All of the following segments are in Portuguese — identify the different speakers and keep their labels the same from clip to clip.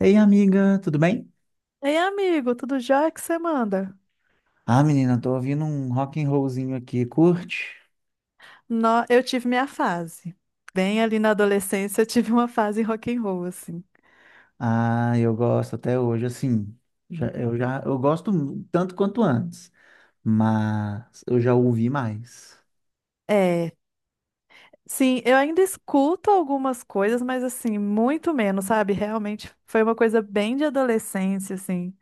Speaker 1: Ei, amiga, tudo bem?
Speaker 2: Ei, amigo, tudo jóia que você manda?
Speaker 1: Ah, menina, tô ouvindo um rock and rollzinho aqui, curte?
Speaker 2: Eu tive minha fase. Bem ali na adolescência, eu tive uma fase rock and roll, assim.
Speaker 1: Ah, eu gosto até hoje, assim, eu gosto tanto quanto antes, mas eu já ouvi mais.
Speaker 2: É, sim, eu ainda escuto algumas coisas, mas assim, muito menos, sabe? Realmente foi uma coisa bem de adolescência, assim.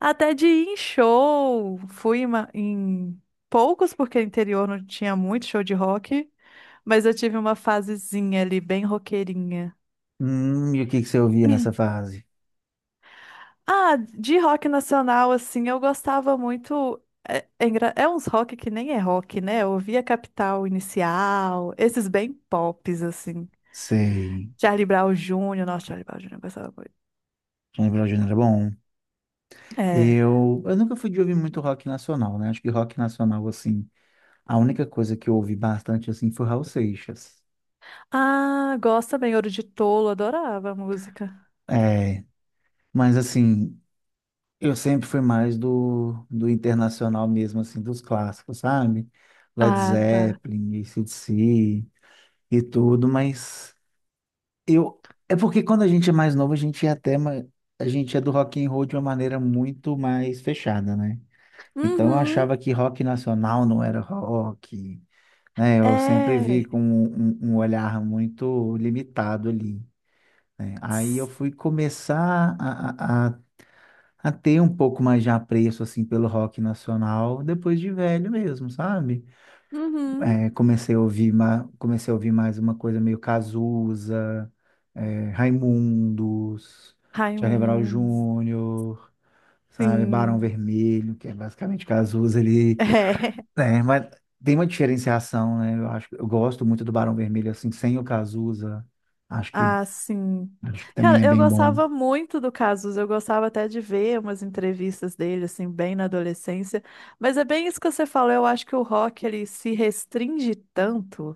Speaker 2: Até de ir em show, fui em poucos, porque interior não tinha muito show de rock, mas eu tive uma fasezinha ali, bem roqueirinha.
Speaker 1: E o que que você ouvia nessa fase?
Speaker 2: Ah, de rock nacional, assim, eu gostava muito. É uns rock que nem é rock, né? Eu ouvia Capital Inicial, esses bem pops, assim.
Speaker 1: Sei.
Speaker 2: Charlie Brown Jr., nossa, Charlie Brown Jr. eu gostava muito.
Speaker 1: Johnny Bravo era bom.
Speaker 2: É.
Speaker 1: Eu nunca fui de ouvir muito rock nacional, né? Acho que rock nacional, assim, a única coisa que eu ouvi bastante, assim, foi Raul Seixas.
Speaker 2: Ah, gosto também, Ouro de Tolo, adorava a música.
Speaker 1: É, mas assim, eu sempre fui mais do internacional mesmo, assim, dos clássicos, sabe? Led
Speaker 2: Ah, tá.
Speaker 1: Zeppelin, AC/DC e tudo, mas eu... É porque quando a gente é mais novo, a gente é até... A gente é do rock and roll de uma maneira muito mais fechada, né? Então eu
Speaker 2: Uhum,
Speaker 1: achava que rock nacional não era rock, né? Eu sempre vi
Speaker 2: é.
Speaker 1: com um, um olhar muito limitado ali, né? Aí eu
Speaker 2: Tss,
Speaker 1: fui começar a ter um pouco mais de apreço assim pelo rock nacional depois de velho mesmo, sabe?
Speaker 2: uhum.
Speaker 1: É, comecei a ouvir mais uma coisa meio Cazuza, é, Raimundos, Charlie Brown
Speaker 2: Raimundos,
Speaker 1: Júnior, sabe? Barão
Speaker 2: sim.
Speaker 1: Vermelho, que é basicamente Cazuza ali,
Speaker 2: É.
Speaker 1: né? Mas tem uma diferenciação, né? Eu gosto muito do Barão Vermelho assim, sem o Cazuza. Acho que
Speaker 2: Ah, sim.
Speaker 1: acho que também
Speaker 2: Cara,
Speaker 1: é
Speaker 2: eu
Speaker 1: bem bom.
Speaker 2: gostava muito do Casus, eu gostava até de ver umas entrevistas dele, assim, bem na adolescência. Mas é bem isso que você falou, eu acho que o rock, ele se restringe tanto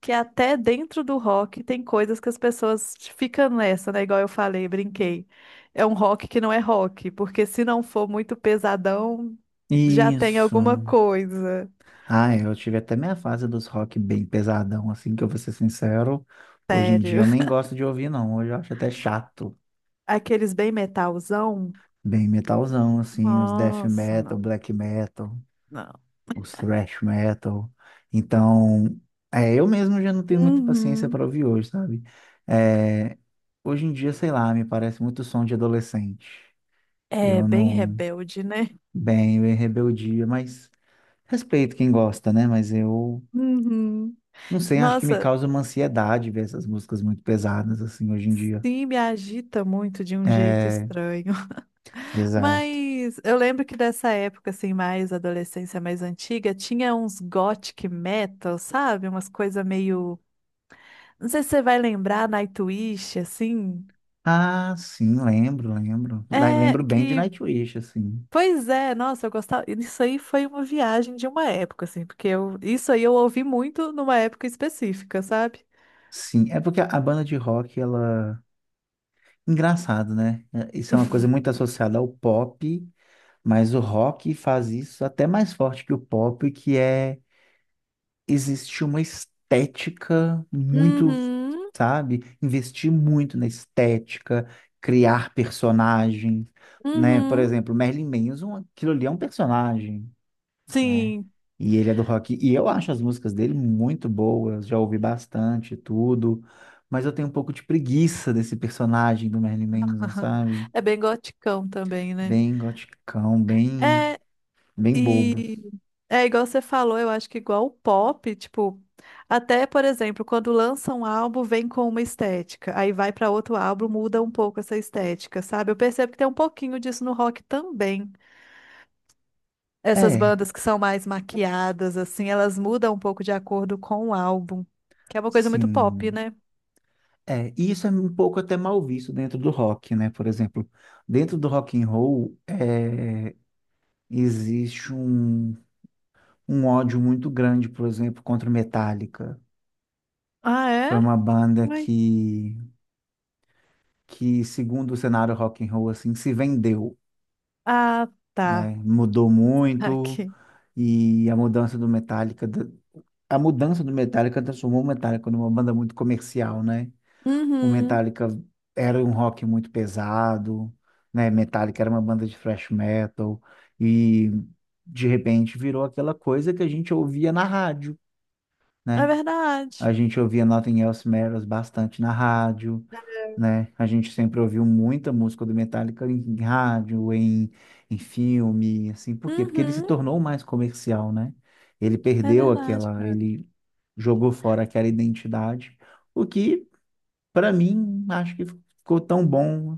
Speaker 2: que até dentro do rock tem coisas que as pessoas ficam nessa, né? Igual eu falei, brinquei. É um rock que não é rock, porque se não for muito pesadão, já tem
Speaker 1: Isso.
Speaker 2: alguma coisa.
Speaker 1: Ah, é, eu tive até minha fase dos rock bem pesadão, assim, que eu vou ser sincero. Hoje em dia
Speaker 2: Sério.
Speaker 1: eu nem gosto de ouvir, não. Hoje eu acho até chato.
Speaker 2: Aqueles bem metalzão?
Speaker 1: Bem metalzão, assim, os death
Speaker 2: Nossa,
Speaker 1: metal,
Speaker 2: não,
Speaker 1: black metal,
Speaker 2: não.
Speaker 1: os thrash metal. Então, é, eu mesmo já não tenho muita paciência para
Speaker 2: Uhum.
Speaker 1: ouvir hoje, sabe? É, hoje em dia, sei lá, me parece muito som de adolescente.
Speaker 2: É
Speaker 1: Eu
Speaker 2: bem
Speaker 1: não.
Speaker 2: rebelde, né?
Speaker 1: Bem, eu em rebeldia, mas respeito quem gosta, né? Mas eu.
Speaker 2: Uhum.
Speaker 1: Não sei, acho que me
Speaker 2: Nossa,
Speaker 1: causa uma ansiedade ver essas músicas muito pesadas, assim, hoje em dia.
Speaker 2: sim, me agita muito de um jeito
Speaker 1: É,
Speaker 2: estranho.
Speaker 1: exato.
Speaker 2: Mas eu lembro que dessa época, assim, mais adolescência mais antiga, tinha uns gothic metal, sabe? Umas coisas meio. Não sei se você vai lembrar, Nightwish, assim.
Speaker 1: Ah, sim, lembro, lembro.
Speaker 2: É,
Speaker 1: Lembro bem de
Speaker 2: que.
Speaker 1: Nightwish, assim.
Speaker 2: Pois é, nossa, eu gostava. Isso aí foi uma viagem de uma época, assim, porque isso aí eu ouvi muito numa época específica, sabe?
Speaker 1: Sim, é porque a banda de rock, ela... Engraçado, né? É, isso é uma coisa muito associada ao pop, mas o rock faz isso até mais forte que o pop, que é existe uma estética muito,
Speaker 2: Uhum.
Speaker 1: sabe? Investir muito na estética, criar personagens, né? Por
Speaker 2: Uhum.
Speaker 1: exemplo, Merlin Manson, aquilo ali é um personagem, né?
Speaker 2: Sim.
Speaker 1: E ele é do rock. E eu acho as músicas dele muito boas, já ouvi bastante e tudo. Mas eu tenho um pouco de preguiça desse personagem do Merlin Manson, sabe?
Speaker 2: É bem goticão também, né?
Speaker 1: Bem goticão, bem,
Speaker 2: É,
Speaker 1: bem bobo.
Speaker 2: e é igual você falou, eu acho que igual o pop, tipo, até, por exemplo, quando lança um álbum, vem com uma estética, aí vai pra outro álbum, muda um pouco essa estética, sabe? Eu percebo que tem um pouquinho disso no rock também. Essas
Speaker 1: É,
Speaker 2: bandas que são mais maquiadas, assim, elas mudam um pouco de acordo com o álbum, que é uma coisa muito pop,
Speaker 1: sim.
Speaker 2: né?
Speaker 1: É, e isso é um pouco até mal visto dentro do rock, né? Por exemplo, dentro do rock and roll, é, existe um, um ódio muito grande, por exemplo, contra o Metallica,
Speaker 2: Ah,
Speaker 1: que foi
Speaker 2: é?
Speaker 1: uma banda
Speaker 2: Ui.
Speaker 1: que segundo o cenário rock and roll, assim, se vendeu,
Speaker 2: Ah, tá.
Speaker 1: né? Mudou muito
Speaker 2: Aqui.
Speaker 1: e a mudança do Metallica transformou o Metallica numa banda muito comercial, né? O
Speaker 2: Uhum.
Speaker 1: Metallica era um rock muito pesado, né? Metallica era uma banda de thrash metal e de repente virou aquela coisa que a gente ouvia na rádio,
Speaker 2: É
Speaker 1: né?
Speaker 2: verdade.
Speaker 1: A gente ouvia Nothing Else Matters bastante na rádio, né? A gente sempre ouviu muita música do Metallica em rádio, em, em filme, assim. Por quê? Porque ele se
Speaker 2: Uhum.
Speaker 1: tornou mais comercial, né? Ele
Speaker 2: É
Speaker 1: perdeu
Speaker 2: verdade,
Speaker 1: aquela,
Speaker 2: cara.
Speaker 1: ele jogou fora aquela identidade. O que para mim, acho que ficou tão bom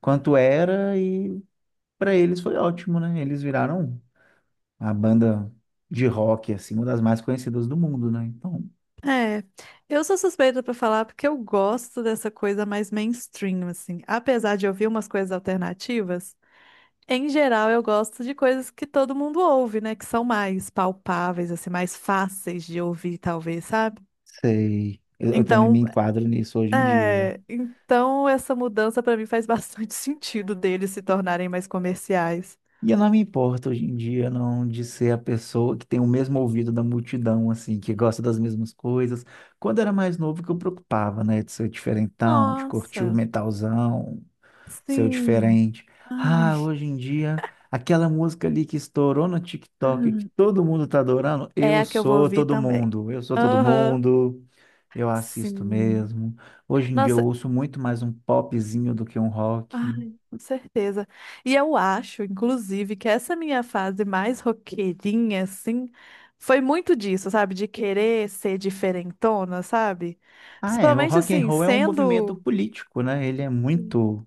Speaker 1: quanto era e para eles foi ótimo, né? Eles viraram a banda de rock, assim, uma das mais conhecidas do mundo, né? Então,
Speaker 2: É, eu sou suspeita pra falar porque eu gosto dessa coisa mais mainstream, assim. Apesar de ouvir umas coisas alternativas, em geral eu gosto de coisas que todo mundo ouve, né? Que são mais palpáveis, assim, mais fáceis de ouvir, talvez, sabe?
Speaker 1: sei. Eu também me
Speaker 2: Então,
Speaker 1: enquadro nisso hoje em dia.
Speaker 2: então essa mudança pra mim faz bastante sentido deles se tornarem mais comerciais.
Speaker 1: E eu não me importo hoje em dia, não, de ser a pessoa que tem o mesmo ouvido da multidão, assim, que gosta das mesmas coisas. Quando era mais novo, que eu preocupava, né? De ser diferentão, de curtir o
Speaker 2: Nossa,
Speaker 1: metalzão, seu
Speaker 2: sim.
Speaker 1: diferente.
Speaker 2: Ai.
Speaker 1: Ah, hoje em dia, aquela música ali que estourou no TikTok, que todo mundo tá adorando,
Speaker 2: É
Speaker 1: eu
Speaker 2: a que eu vou
Speaker 1: sou
Speaker 2: ouvir
Speaker 1: todo
Speaker 2: também.
Speaker 1: mundo, eu sou todo
Speaker 2: Aham.
Speaker 1: mundo, eu assisto
Speaker 2: Sim.
Speaker 1: mesmo. Hoje em dia eu
Speaker 2: Nossa,
Speaker 1: ouço muito mais um popzinho do que um rock.
Speaker 2: ai, com certeza. E eu acho, inclusive, que essa minha fase mais roqueirinha, assim, foi muito disso, sabe? De querer ser diferentona, sabe?
Speaker 1: Ah, é, o
Speaker 2: Principalmente,
Speaker 1: rock and
Speaker 2: assim,
Speaker 1: roll é um movimento
Speaker 2: sendo,
Speaker 1: político, né?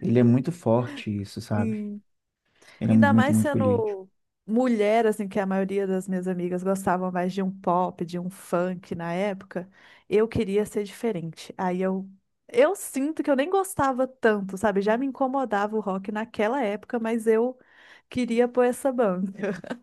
Speaker 1: Ele é muito forte isso, sabe?
Speaker 2: assim,
Speaker 1: Ele é um
Speaker 2: ainda
Speaker 1: movimento
Speaker 2: mais
Speaker 1: muito político.
Speaker 2: sendo mulher, assim, que a maioria das minhas amigas gostavam mais de um pop, de um funk na época, eu queria ser diferente. Aí eu sinto que eu nem gostava tanto, sabe? Já me incomodava o rock naquela época, mas eu queria pôr essa banca.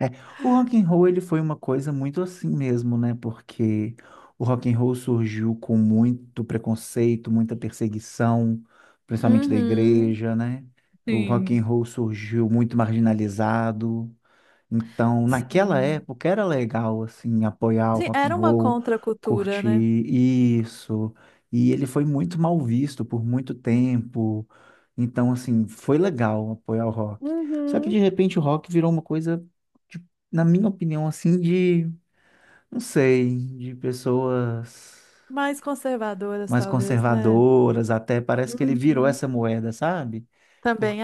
Speaker 1: É, o rock and roll ele foi uma coisa muito assim mesmo, né? Porque o rock and roll surgiu com muito preconceito, muita perseguição, principalmente da
Speaker 2: Uhum,
Speaker 1: igreja, né? O rock and
Speaker 2: sim,
Speaker 1: roll surgiu muito marginalizado. Então, naquela
Speaker 2: sim.
Speaker 1: época era legal assim apoiar o
Speaker 2: Sim,
Speaker 1: rock
Speaker 2: era
Speaker 1: and
Speaker 2: uma
Speaker 1: roll,
Speaker 2: contracultura,
Speaker 1: curtir
Speaker 2: né?
Speaker 1: isso. E ele foi muito mal visto por muito tempo. Então, assim, foi legal apoiar o rock. Só que de
Speaker 2: Uhum.
Speaker 1: repente o rock virou uma coisa, de- na minha opinião, assim, de, não sei, de pessoas
Speaker 2: Mais conservadoras,
Speaker 1: mais
Speaker 2: talvez, né?
Speaker 1: conservadoras, até parece que ele virou
Speaker 2: Uhum.
Speaker 1: essa moeda, sabe?
Speaker 2: Também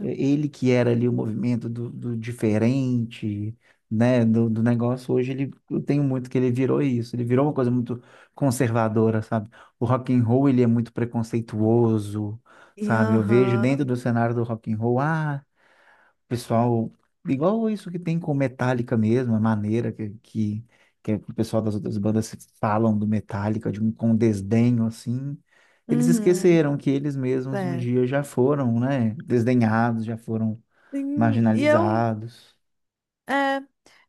Speaker 1: É, ele que era ali o movimento do diferente, né, do negócio, hoje ele, eu tenho muito que ele virou isso, ele virou uma coisa muito conservadora, sabe? O rock and roll, ele é muito preconceituoso,
Speaker 2: E,
Speaker 1: sabe? Eu vejo dentro
Speaker 2: aham.
Speaker 1: do cenário do rock and roll, ah, pessoal, igual isso que tem com Metallica mesmo, a maneira que o pessoal das outras bandas falam do Metallica, de um, com desdenho, assim, eles
Speaker 2: Uhum.
Speaker 1: esqueceram que eles mesmos um
Speaker 2: É,
Speaker 1: dia já foram, né, desdenhados, já foram
Speaker 2: sim,
Speaker 1: marginalizados.
Speaker 2: é,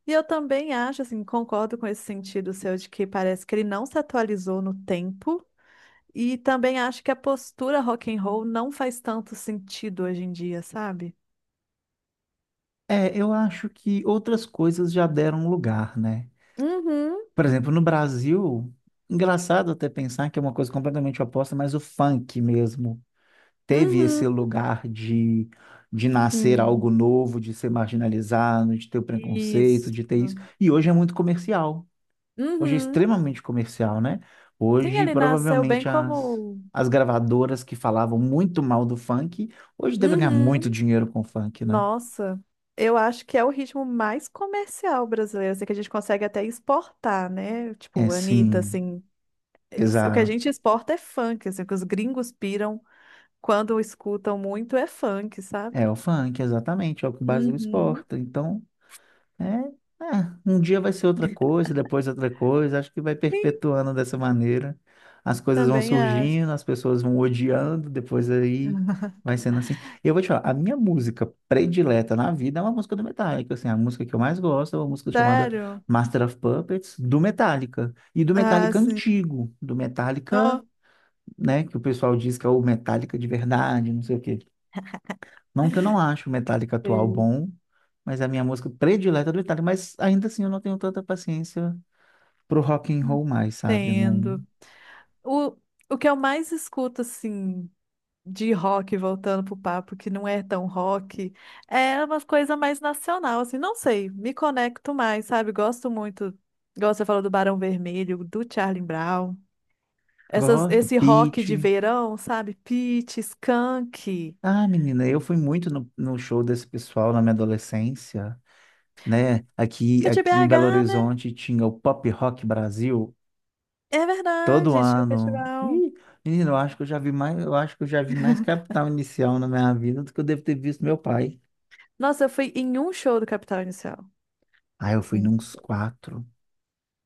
Speaker 2: e eu também acho, assim, concordo com esse sentido seu de que parece que ele não se atualizou no tempo, e também acho que a postura rock and roll não faz tanto sentido hoje em dia, sabe?
Speaker 1: É, eu acho que outras coisas já deram lugar, né?
Speaker 2: Uhum,
Speaker 1: Por exemplo, no Brasil, engraçado até pensar que é uma coisa completamente oposta, mas o funk mesmo teve
Speaker 2: uhum,
Speaker 1: esse lugar de nascer algo
Speaker 2: sim.
Speaker 1: novo, de ser marginalizado, de ter o preconceito,
Speaker 2: Isso.
Speaker 1: de ter isso. E hoje é muito comercial. Hoje é
Speaker 2: Uhum.
Speaker 1: extremamente comercial, né?
Speaker 2: Sim,
Speaker 1: Hoje,
Speaker 2: ele nasceu bem
Speaker 1: provavelmente,
Speaker 2: como.
Speaker 1: as gravadoras que falavam muito mal do funk, hoje devem ganhar muito
Speaker 2: Uhum.
Speaker 1: dinheiro com o funk, né?
Speaker 2: Nossa, eu acho que é o ritmo mais comercial brasileiro, assim, que a gente consegue até exportar, né?
Speaker 1: É,
Speaker 2: Tipo, Anitta,
Speaker 1: sim,
Speaker 2: assim. O que a gente
Speaker 1: exato.
Speaker 2: exporta é funk, assim, o que os gringos piram quando escutam muito é funk, sabe?
Speaker 1: É o funk, exatamente, é o que o Brasil
Speaker 2: Uhum.
Speaker 1: exporta. Então, é, é, um dia vai ser outra coisa, depois outra coisa. Acho que vai
Speaker 2: Sim,
Speaker 1: perpetuando dessa maneira. As coisas vão
Speaker 2: também acho.
Speaker 1: surgindo, as pessoas vão odiando, depois aí vai sendo assim. E eu vou te falar, a minha música predileta na vida é uma música do Metallica. Assim, a música que eu mais gosto é uma música chamada
Speaker 2: Sério?
Speaker 1: Master of Puppets, do Metallica. E do
Speaker 2: Ah,
Speaker 1: Metallica
Speaker 2: sim.
Speaker 1: antigo, do Metallica,
Speaker 2: Ó,
Speaker 1: né, que o pessoal diz que é o Metallica de verdade, não sei o quê. Não que eu não acho o Metallica atual
Speaker 2: sei.
Speaker 1: bom, mas é a minha música predileta do Metallica, mas ainda assim eu não tenho tanta paciência pro rock and roll mais, sabe? Eu não
Speaker 2: Entendo. O, o que eu mais escuto, assim, de rock, voltando pro papo, que não é tão rock, é uma coisa mais nacional, assim, não sei, me conecto mais, sabe? Gosto muito, igual você falou do Barão Vermelho, do Charlie Brown. Essas,
Speaker 1: gosto,
Speaker 2: esse rock de
Speaker 1: Pitty.
Speaker 2: verão, sabe? Pitty, Skank.
Speaker 1: Ah, menina, eu fui muito no show desse pessoal na minha adolescência, né? Aqui,
Speaker 2: Que é de
Speaker 1: aqui em Belo
Speaker 2: BH, né?
Speaker 1: Horizonte tinha o Pop Rock Brasil
Speaker 2: É
Speaker 1: todo
Speaker 2: verdade, tinha o
Speaker 1: ano.
Speaker 2: festival.
Speaker 1: Ih, menina, eu acho que eu já vi mais Capital Inicial na minha vida do que eu devo ter visto meu pai.
Speaker 2: Nossa, eu fui em um show do Capital Inicial.
Speaker 1: Ah, eu fui
Speaker 2: Hum.
Speaker 1: nos quatro.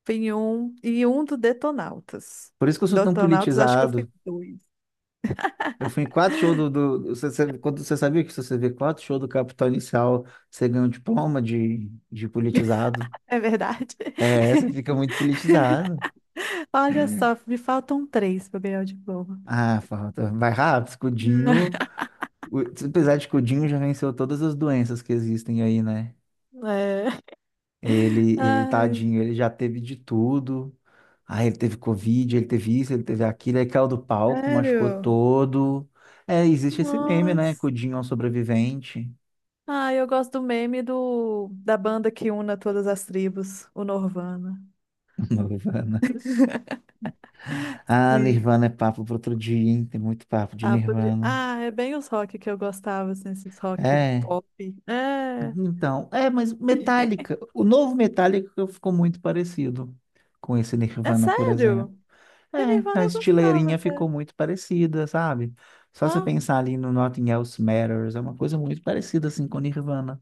Speaker 2: Fui em um e um do Detonautas.
Speaker 1: Por isso que eu sou tão
Speaker 2: Detonautas, acho que eu fui
Speaker 1: politizado.
Speaker 2: dois.
Speaker 1: Eu fui em quatro shows do quando você sabia que se você vê quatro shows do Capital Inicial, você ganha um diploma de politizado.
Speaker 2: É verdade.
Speaker 1: É, você fica muito politizado.
Speaker 2: Olha só, me faltam três para ganhar o diploma.
Speaker 1: Ah, falta. Vai rápido, Escudinho. o- Apesar de Escudinho já venceu todas as doenças que existem aí, né?
Speaker 2: É. Ai,
Speaker 1: Tadinho, ele já teve de tudo. Ah, ele teve Covid, ele teve isso, ele teve aquilo, aí caiu do palco, machucou
Speaker 2: sério?
Speaker 1: todo. É, existe esse meme, né?
Speaker 2: Nossa.
Speaker 1: Cudinho é um sobrevivente.
Speaker 2: Ah, eu gosto do meme da banda que una todas as tribos, o Norvana.
Speaker 1: Ah,
Speaker 2: Sim.
Speaker 1: Nirvana é papo para outro dia, hein? Tem muito papo de
Speaker 2: Ah, podia-
Speaker 1: Nirvana.
Speaker 2: ah, é bem os rock que eu gostava, assim, esses rock
Speaker 1: É,
Speaker 2: pop. É,
Speaker 1: então, é, mas Metallica, o novo Metallica ficou muito parecido com esse
Speaker 2: é
Speaker 1: Nirvana, por exemplo.
Speaker 2: sério. Que
Speaker 1: É,
Speaker 2: Nirvana
Speaker 1: a
Speaker 2: eu gostava
Speaker 1: estileirinha
Speaker 2: até.
Speaker 1: ficou muito parecida, sabe? Só
Speaker 2: Ó,
Speaker 1: se pensar ali no Nothing Else Matters, é uma coisa muito parecida assim com Nirvana.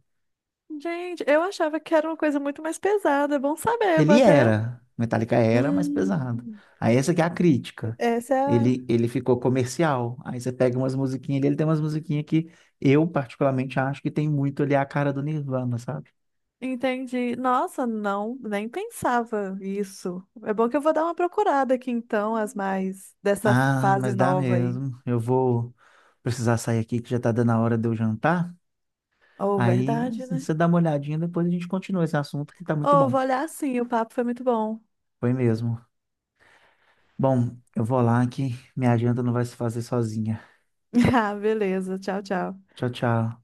Speaker 2: gente, eu achava que era uma coisa muito mais pesada. É bom saber, vou
Speaker 1: Ele
Speaker 2: até.
Speaker 1: era, Metallica era mais pesado.
Speaker 2: Hum,
Speaker 1: Aí essa que é a crítica.
Speaker 2: essa é a.
Speaker 1: Ele ficou comercial. Aí você pega umas musiquinhas dele, ele tem umas musiquinhas que eu particularmente acho que tem muito ali a cara do Nirvana, sabe?
Speaker 2: Entendi. Nossa, não, nem pensava isso. É bom que eu vou dar uma procurada aqui então, as mais dessa
Speaker 1: Ah,
Speaker 2: fase
Speaker 1: mas dá
Speaker 2: nova aí.
Speaker 1: mesmo. Eu vou precisar sair aqui que já tá dando a hora de eu jantar.
Speaker 2: Ou
Speaker 1: Aí
Speaker 2: verdade, né?
Speaker 1: você dá uma olhadinha, depois a gente continua esse assunto que tá muito
Speaker 2: Ou
Speaker 1: bom.
Speaker 2: vou olhar sim, o papo foi muito bom.
Speaker 1: Foi mesmo. Bom, eu vou lá que minha janta não vai se fazer sozinha.
Speaker 2: Ah, beleza. Tchau, tchau.
Speaker 1: Tchau, tchau.